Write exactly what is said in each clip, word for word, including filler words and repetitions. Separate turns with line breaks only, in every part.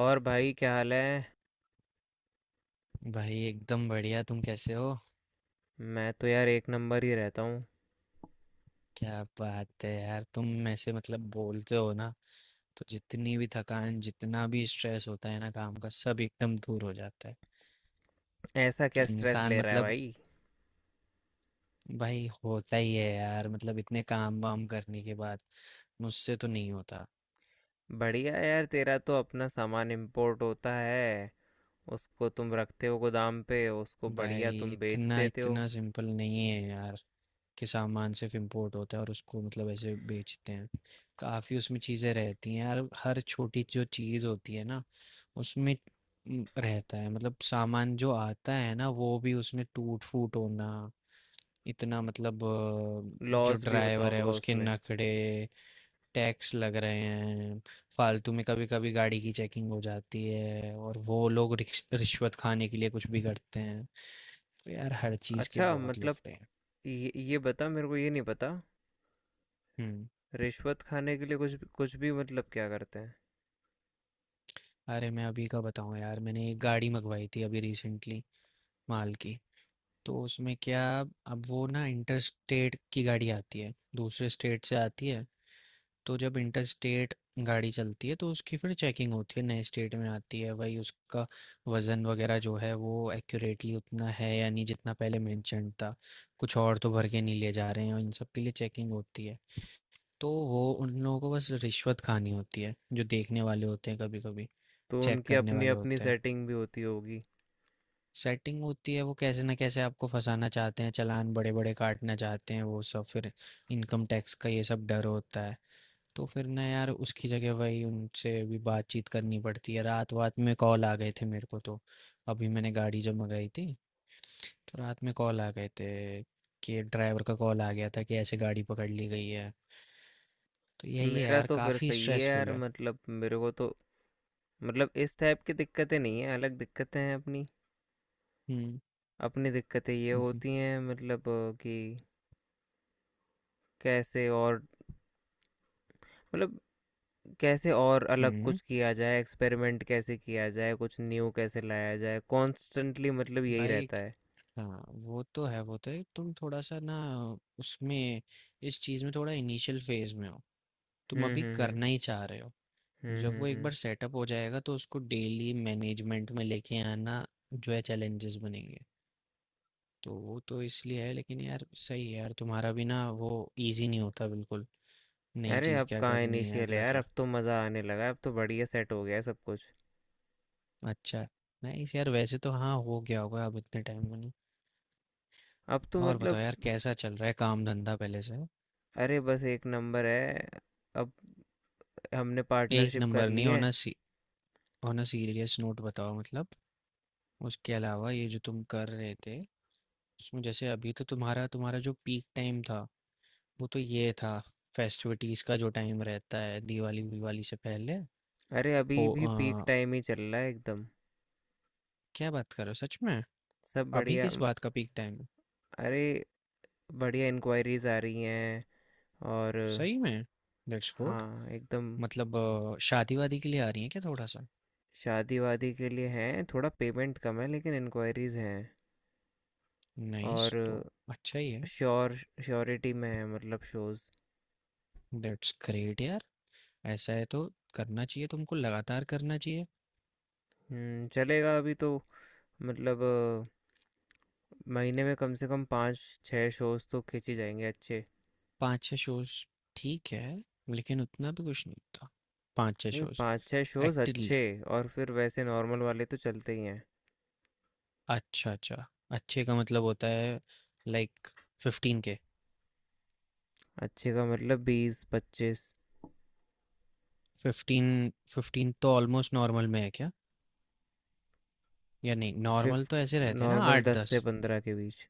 और भाई, क्या हाल है?
भाई एकदम बढ़िया। तुम कैसे हो?
मैं तो यार एक नंबर ही रहता हूँ।
क्या बात है यार, तुम में से मतलब बोलते हो ना। तो जितनी भी थकान, जितना भी स्ट्रेस होता है ना काम का, सब एकदम दूर हो जाता है।
ऐसा क्या
कि
स्ट्रेस
इंसान,
ले रहा है
मतलब।
भाई?
भाई होता ही है यार, मतलब इतने काम वाम करने के बाद। मुझसे तो नहीं होता।
बढ़िया यार, तेरा तो अपना सामान इंपोर्ट होता है। उसको तुम रखते हो गोदाम पे, उसको बढ़िया
भाई
तुम बेच
इतना
देते हो।
इतना सिंपल नहीं है यार, कि सामान सिर्फ इम्पोर्ट होता है और उसको मतलब ऐसे बेचते हैं। काफ़ी उसमें चीज़ें रहती हैं यार, हर छोटी जो चीज़ होती है ना उसमें। म, रहता है मतलब सामान जो आता है ना वो भी उसमें टूट फूट होना। इतना मतलब अ, जो
लॉस भी होता
ड्राइवर है
होगा
उसके
उसमें।
नखरे। टैक्स लग रहे हैं। फालतू में कभी कभी गाड़ी की चेकिंग हो जाती है और वो लोग रिक्श- रिश्वत खाने के लिए कुछ भी करते हैं। तो यार हर चीज़ के
अच्छा,
बहुत
मतलब
लफड़े हैं।
ये ये बता मेरे को, ये नहीं पता।
हम्म।
रिश्वत खाने के लिए कुछ कुछ भी मतलब क्या करते हैं?
अरे मैं अभी का बताऊँ यार, मैंने एक गाड़ी मंगवाई थी अभी रिसेंटली, माल की। तो उसमें क्या, अब वो ना इंटर स्टेट की गाड़ी आती है, दूसरे स्टेट से आती है। तो जब इंटर स्टेट गाड़ी चलती है तो उसकी फिर चेकिंग होती है, नए स्टेट में आती है। वही उसका वज़न वगैरह जो है वो एक्यूरेटली उतना है या नहीं, जितना पहले मेंशन था, कुछ और तो भर के नहीं ले जा रहे हैं, और इन सब के लिए चेकिंग होती है। तो वो उन लोगों को बस रिश्वत खानी होती है जो देखने वाले होते हैं, कभी कभी
तो
चेक
उनकी
करने
अपनी
वाले
अपनी
होते हैं।
सेटिंग भी होती होगी।
सेटिंग होती है, वो कैसे ना कैसे आपको फंसाना चाहते हैं, चालान बड़े बड़े काटना चाहते हैं, वो सब फिर इनकम टैक्स का ये सब डर होता है। तो फिर ना यार उसकी जगह वही उनसे भी बातचीत करनी पड़ती है। रात वात में कॉल आ गए थे मेरे को। तो अभी मैंने गाड़ी जब मंगाई थी, तो रात में कॉल आ गए थे, कि ड्राइवर का कॉल आ गया था कि ऐसे गाड़ी पकड़ ली गई है। तो यही है
मेरा
यार,
तो फिर
काफ़ी
सही है
स्ट्रेसफुल
यार,
है।
मतलब मेरे को तो मतलब इस टाइप की दिक्कतें नहीं हैं, अलग दिक्कतें हैं अपनी।
हम्म।
अपनी दिक्कतें ये होती हैं मतलब कि कैसे और मतलब कैसे और अलग
हम्म।
कुछ किया जाए, एक्सपेरिमेंट कैसे किया जाए, कुछ न्यू कैसे लाया जाए, कॉन्स्टेंटली मतलब यही
भाई।
रहता है।
हाँ वो तो है, वो तो है, तुम थोड़ा सा ना उसमें, इस चीज़ में थोड़ा इनिशियल फेज में हो, तुम
हुँ,
अभी
हुँ, हुँ।
करना ही चाह रहे हो।
हुँ,
जब
हुँ,
वो एक बार
हुँ।
सेटअप हो जाएगा तो उसको डेली मैनेजमेंट में लेके आना, जो है, चैलेंजेस बनेंगे। तो वो तो इसलिए है। लेकिन यार सही है यार, तुम्हारा भी ना वो इजी नहीं होता बिल्कुल, नई
अरे
चीज़
अब
क्या
कहाँ
करनी है,
इनिशियल है
अगला
यार,
क्या।
अब तो मज़ा आने लगा है, अब तो बढ़िया सेट हो गया है सब कुछ।
अच्छा है। नाइस यार, वैसे तो हाँ हो गया होगा अब इतने टाइम में ना।
अब तो
और बताओ
मतलब
यार कैसा चल रहा है काम धंधा पहले से।
अरे बस एक नंबर है, अब हमने
एक
पार्टनरशिप कर
नंबर
ली
नहीं
है।
होना, ऑन अ सीरियस नोट बताओ मतलब। उसके अलावा ये जो तुम कर रहे थे, उसमें जैसे अभी तो तुम्हारा तुम्हारा जो पीक टाइम था, वो तो ये था, फेस्टिविटीज का जो टाइम रहता है, दिवाली विवाली से पहले।
अरे अभी
हो
भी
अ,
पीक टाइम ही चल रहा है एकदम।
क्या बात कर रहे हो सच में,
सब
अभी
बढ़िया
किस
म,
बात का पीक टाइम है?
अरे बढ़िया इंक्वायरीज आ रही हैं। और
सही में? Let's good.
हाँ एकदम।
मतलब अ, शादी वादी के लिए आ रही है क्या थोड़ा सा?
शादी वादी के लिए हैं, थोड़ा पेमेंट कम है लेकिन इंक्वायरीज हैं।
नाइस तो,
और
अच्छा ही है।
श्योर श्योरिटी में है मतलब शोज़।
दैट्स ग्रेट यार। ऐसा है तो करना चाहिए, तुमको लगातार करना चाहिए।
हम्म, चलेगा अभी तो मतलब अ, महीने में कम से कम पाँच छः शोज़ तो खींची जाएंगे अच्छे।
पाँच छः शोज़, ठीक है, लेकिन उतना भी कुछ नहीं था। पाँच छः
नहीं
शोज़
पाँच छः शोज़
एक्टिवली?
अच्छे। और फिर वैसे नॉर्मल वाले तो चलते ही हैं।
अच्छा, अच्छा। अच्छे का मतलब होता है लाइक फ़िफ़्टीन के।
अच्छे का मतलब बीस पच्चीस।
फ़िफ़्टीन, फ़िफ़्टीन तो ऑलमोस्ट नॉर्मल में है क्या? या नहीं, नॉर्मल तो
फिफ्ट
ऐसे रहते हैं ना
नॉर्मल दस
आठ दस?
से पंद्रह के बीच।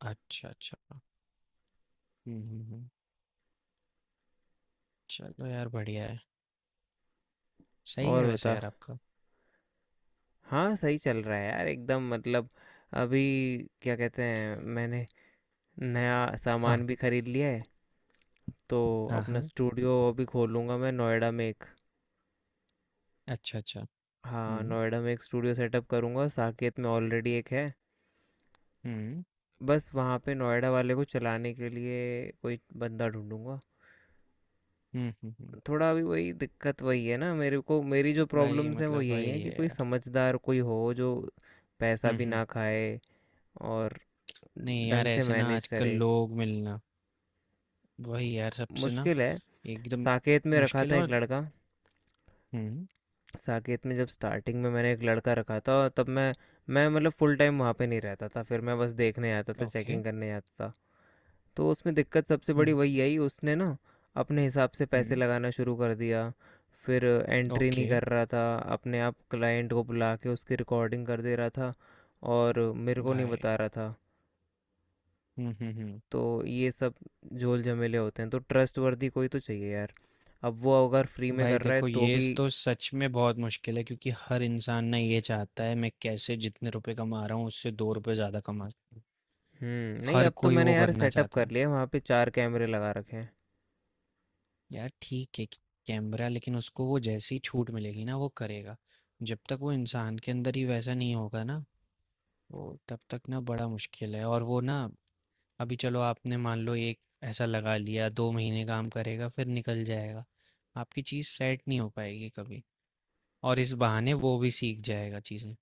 अच्छा, अच्छा। हुँ, हुँ, हुँ। चलो यार बढ़िया है। सही है
और
वैसे
बता।
यार आपका।
हाँ, सही चल रहा है यार एकदम मतलब अभी क्या कहते हैं, मैंने नया
हाँ,
सामान भी खरीद लिया है। तो
हाँ,
अपना
हाँ।
स्टूडियो अभी खोलूँगा मैं नोएडा में एक।
अच्छा, अच्छा।
हाँ
हुँ,
नोएडा में एक स्टूडियो सेटअप करूँगा, साकेत में ऑलरेडी एक है।
हुँ।
बस वहाँ पे नोएडा वाले को चलाने के लिए कोई बंदा ढूंढूंगा।
हुँ, हुँ, हुँ।
थोड़ा अभी वही दिक्कत वही है ना, मेरे को मेरी जो
भाई
प्रॉब्लम्स हैं वो
मतलब
यही है
वही
कि
है
कोई
यार।
समझदार कोई हो जो पैसा
हुँ,
भी
हुँ।
ना खाए और
नहीं यार
ढंग से
ऐसे ना
मैनेज
आजकल
करे।
लोग मिलना, वही यार सबसे ना,
मुश्किल है।
एकदम
साकेत में रखा
मुश्किल है।
था एक
और
लड़का।
हम्म।
साकेत में जब स्टार्टिंग में मैंने एक लड़का रखा था और तब मैं मैं मतलब फुल टाइम वहाँ पे नहीं रहता था, फिर मैं बस देखने आता था,
ओके।
चेकिंग करने आता था। तो उसमें दिक्कत सबसे बड़ी
हम्म
वही आई, उसने ना अपने हिसाब से पैसे
हम्म।
लगाना शुरू कर दिया। फिर एंट्री नहीं
ओके।
कर रहा था। अपने आप क्लाइंट को बुला के उसकी रिकॉर्डिंग कर दे रहा था और मेरे को नहीं
भाई।
बता रहा था।
हम्म हम्म हम्म।
तो ये सब झोल झमेले होते हैं, तो ट्रस्ट वर्दी कोई तो चाहिए यार। अब वो अगर फ्री में
भाई
कर रहा है
देखो
तो
ये
भी।
स- तो सच में बहुत मुश्किल है, क्योंकि हर इंसान ना ये चाहता है मैं कैसे जितने रुपए कमा रहा हूँ उससे दो रुपए ज्यादा कमा सकूं।
हुँ, नहीं
हर
अब तो
कोई
मैंने
वो
यार
करना
सेटअप
चाहता
कर
है।
लिया है, वहाँ पे चार कैमरे लगा रखे हैं।
यार ठीक है, कैमरा लेकिन उसको वो जैसी छूट मिलेगी ना वो करेगा। जब तक वो इंसान के अंदर ही वैसा नहीं होगा ना, वो तब तक ना बड़ा मुश्किल है। और वो ना अभी चलो आपने मान लो एक ऐसा लगा लिया, दो महीने काम करेगा फिर निकल जाएगा। आपकी चीज़ सेट नहीं हो पाएगी कभी, और इस बहाने वो भी सीख जाएगा चीज़ें,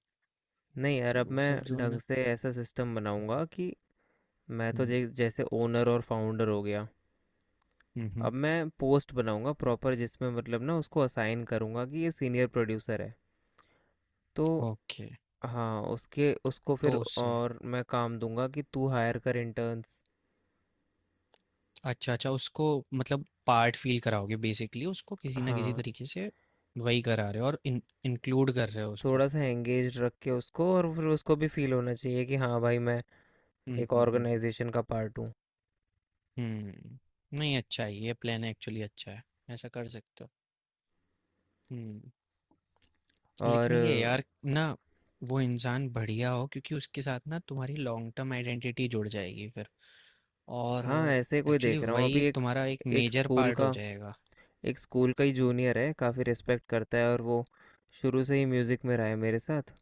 नहीं यार
तो
अब
वो सब
मैं
जो है
ढंग
ना।
से ऐसा सिस्टम बनाऊँगा कि मैं तो
हम्म
जे जैसे ओनर और फाउंडर हो गया।
हम्म।
अब मैं पोस्ट बनाऊँगा प्रॉपर, जिसमें मतलब ना उसको असाइन करूँगा कि ये सीनियर प्रोड्यूसर है। तो
ओके।
हाँ, उसके उसको फिर
तो उससे,
और मैं काम दूँगा कि तू हायर कर इंटर्न्स।
अच्छा अच्छा, उसको मतलब पार्ट फील कराओगे बेसिकली, उसको किसी ना किसी
हाँ,
तरीके से वही करा रहे हो, और इन, इंक्लूड कर रहे हो उसको।
थोड़ा-सा एंगेज्ड रख के उसको और फिर उसको भी फ़ील होना चाहिए कि हाँ भाई मैं
हम्म
एक
हम्म हम्म।
ऑर्गेनाइज़ेशन का पार्ट हूँ।
हम्म। नहीं अच्छा है, ये प्लान एक्चुअली अच्छा है। ऐसा कर सकते हो। हम्म।
और
लेकिन ये यार ना, वो इंसान बढ़िया हो, क्योंकि उसके साथ ना तुम्हारी लॉन्ग टर्म आइडेंटिटी जुड़ जाएगी फिर, और
हाँ ऐसे कोई
एक्चुअली
देख रहा हूँ
वही
अभी एक।
तुम्हारा एक
एक
मेजर
स्कूल
पार्ट
का
हो जाएगा।
एक स्कूल का ही जूनियर है, काफ़ी रिस्पेक्ट करता है और वो शुरू से ही म्यूज़िक में रहा है मेरे साथ।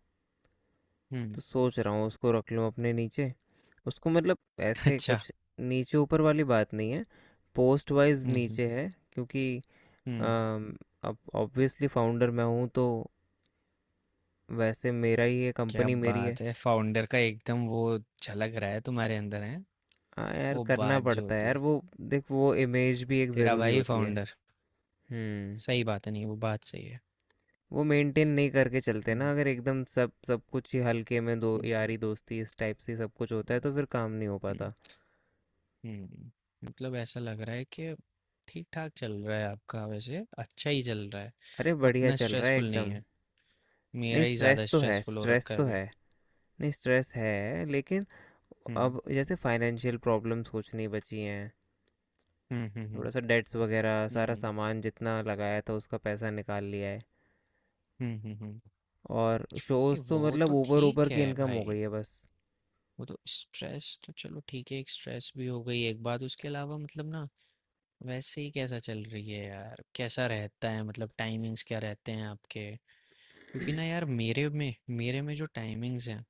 तो
हम्म।
सोच रहा हूँ उसको रख लूँ अपने नीचे। उसको मतलब ऐसे
अच्छा।
कुछ, नीचे ऊपर वाली बात नहीं है, पोस्ट वाइज
हम्म हम्म
नीचे है क्योंकि
हम्म।
अम, अब ऑब्वियसली फाउंडर मैं हूँ। तो वैसे मेरा ही है,
क्या
कंपनी मेरी है।
बात है, फाउंडर का एकदम वो झलक रहा है, तुम्हारे अंदर है
हाँ यार
वो
करना
बात जो
पड़ता है
होती
यार,
है।
वो देख वो इमेज भी एक
तेरा
ज़रूरी
भाई
होती है।
फाउंडर।
हम्म।
सही बात है, नहीं वो बात सही है।
वो मेंटेन नहीं करके चलते ना,
हम्म
अगर एकदम सब सब कुछ ही हल्के में दो,
हम्म हम्म
यारी दोस्ती इस टाइप से सब कुछ होता है
हम्म,
तो फिर काम नहीं हो पाता।
हम्म। हम्म। मतलब ऐसा लग रहा है कि ठीक ठाक चल रहा है आपका, वैसे अच्छा ही चल रहा है,
अरे बढ़िया
उतना
चल रहा है
स्ट्रेसफुल नहीं
एकदम।
है।
नहीं
मेरा ही ज़्यादा
स्ट्रेस तो है,
स्ट्रेसफुल हो
स्ट्रेस
रखा है
तो
अभी।
है। नहीं स्ट्रेस है लेकिन
हम्म
अब जैसे फाइनेंशियल प्रॉब्लम्स कुछ नहीं बची हैं।
हम्म हम्म
थोड़ा सा डेट्स वगैरह
हम्म
सारा
हम्म
सामान जितना लगाया था, उसका पैसा निकाल लिया है।
हम्म हम्म, हम्म।
और
ये
शोज़ तो
वो
मतलब
तो
ऊपर ऊपर
ठीक
की
है
इनकम हो
भाई।
गई है बस।
वो तो स्ट्रेस तो चलो ठीक है, एक स्ट्रेस भी हो गई एक बात। उसके अलावा मतलब ना, वैसे ही कैसा चल रही है यार, कैसा रहता है, मतलब टाइमिंग्स क्या रहते हैं आपके? क्योंकि ना यार मेरे में मेरे में जो टाइमिंग्स हैं,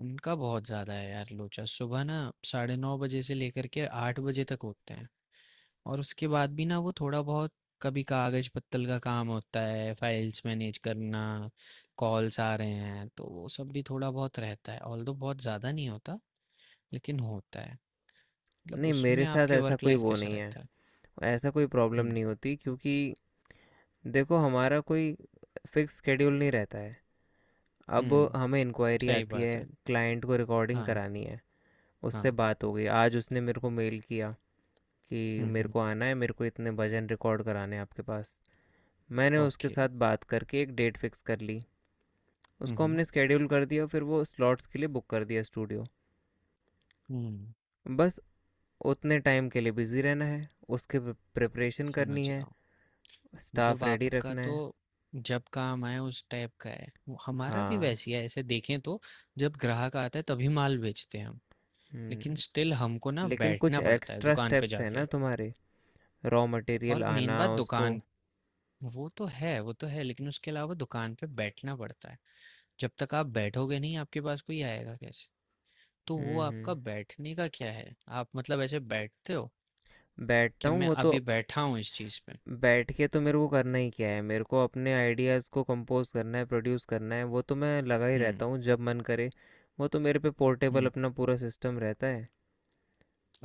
उनका बहुत ज़्यादा है यार लोचा। सुबह ना साढ़े नौ बजे से लेकर के आठ बजे तक होते हैं। और उसके बाद भी ना वो थोड़ा बहुत, कभी कागज पत्तल का काम होता है, फाइल्स मैनेज करना, कॉल्स आ रहे हैं, तो वो सब भी थोड़ा बहुत रहता है। ऑल्दो बहुत ज़्यादा नहीं होता, लेकिन होता है। मतलब
नहीं
उसमें
मेरे साथ
आपके
ऐसा
वर्क
कोई
लाइफ
वो
कैसा
नहीं है,
रहता है?
ऐसा कोई प्रॉब्लम
हम्म
नहीं होती, क्योंकि देखो हमारा कोई फिक्स शेड्यूल नहीं रहता है। अब
हम्म।
हमें इंक्वायरी
सही
आती है,
बात है।
क्लाइंट को रिकॉर्डिंग
हाँ।
करानी है, उससे
हाँ।
बात हो गई। आज उसने मेरे को मेल किया कि
हम्म
मेरे
हम्म।
को आना है, मेरे को इतने भजन रिकॉर्ड कराने हैं आपके पास। मैंने उसके
ओके। हम्म
साथ बात करके एक डेट फिक्स कर ली, उसको
हम्म
हमने स्केड्यूल कर दिया, फिर वो स्लॉट्स के लिए बुक कर दिया स्टूडियो।
हम्म,
बस उतने टाइम के लिए बिजी रहना है, उसके प्रिपरेशन
समझ
करनी है,
रहा हूँ।
स्टाफ
मतलब
रेडी
आपका
रखना
तो
है।
जब काम आए उस टाइप का है, वो हमारा भी
हाँ।
वैसी है ऐसे देखें तो, जब ग्राहक आता है तभी माल बेचते हैं हम। लेकिन
हम्म,
स्टिल हमको ना
लेकिन कुछ
बैठना पड़ता है
एक्स्ट्रा
दुकान पे
स्टेप्स हैं ना
जाके,
तुम्हारे, रॉ
और
मटेरियल
मेन
आना,
बात
उसको।
दुकान, वो तो है वो तो है, लेकिन उसके अलावा दुकान पे बैठना पड़ता है। जब तक आप बैठोगे नहीं, आपके पास कोई आएगा कैसे? तो वो
हम्म
आपका
हम्म।
बैठने का क्या है, आप मतलब ऐसे बैठते हो
बैठता
कि
हूँ
मैं
वो तो।
अभी बैठा हूँ इस चीज़ पे?
बैठ के तो मेरे को करना ही क्या है, मेरे को अपने आइडियाज़ को कंपोज करना है, प्रोड्यूस करना है, वो तो मैं लगा ही
हम्म
रहता हूँ जब मन करे। वो तो मेरे पे पोर्टेबल
हम्म।
अपना पूरा सिस्टम रहता है।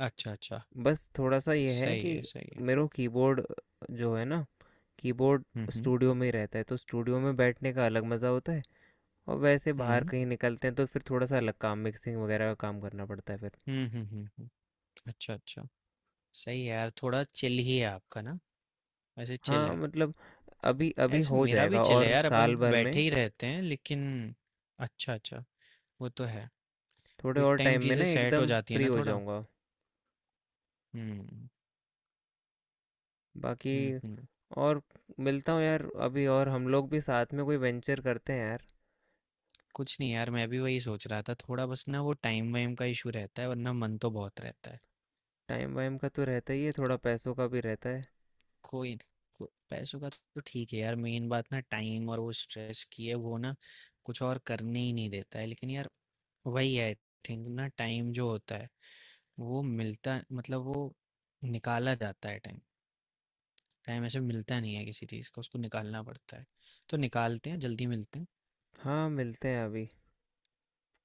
अच्छा अच्छा।
बस थोड़ा सा ये है
सही
कि
है सही है।
मेरे को कीबोर्ड जो है ना, कीबोर्ड
हम्म हम्म
स्टूडियो में ही रहता है, तो स्टूडियो में बैठने का अलग मज़ा होता है। और वैसे बाहर
हम्म।
कहीं निकलते हैं तो फिर थोड़ा सा अलग काम, मिक्सिंग वगैरह का काम करना पड़ता है फिर।
हुँ, हुँ, हुँ, हुँ। अच्छा, अच्छा। सही है यार, थोड़ा चिल ही है आपका ना? वैसे चिल
हाँ,
है।
मतलब अभी अभी
ऐसे
हो
मेरा भी
जाएगा
चिल है
और
यार, अपन
साल भर
बैठे
में,
ही रहते हैं, लेकिन अच्छा, अच्छा, वो तो है।
थोड़े
विद
और
टाइम
टाइम में
चीज़ें
ना
सेट हो
एकदम
जाती है
फ्री
ना
हो
थोड़ा।
जाऊंगा।
हुँ,
बाकी
हुँ, हुँ।
और मिलता हूँ यार अभी, और हम लोग भी साथ में कोई वेंचर करते हैं यार।
कुछ नहीं यार, मैं भी वही सोच रहा था, थोड़ा बस ना वो टाइम वाइम का इशू रहता है, वरना मन तो बहुत रहता है।
टाइम वाइम का तो रहता ही है, थोड़ा पैसों का भी रहता है।
कोई को- पैसों का तो ठीक है यार, मेन बात ना टाइम और वो स्ट्रेस की है। वो ना कुछ और करने ही नहीं देता है। लेकिन यार वही है, आई थिंक ना टाइम जो होता है, वो मिलता मतलब वो निकाला जाता है। टाइम, टाइम ऐसे मिलता नहीं है किसी चीज़ का, उसको निकालना पड़ता है। तो निकालते हैं, जल्दी मिलते हैं।
हाँ मिलते हैं अभी,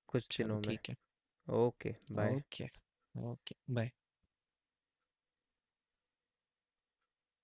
कुछ
चलो
दिनों में।
ठीक है।
Okay, bye.
Okay. Okay bye.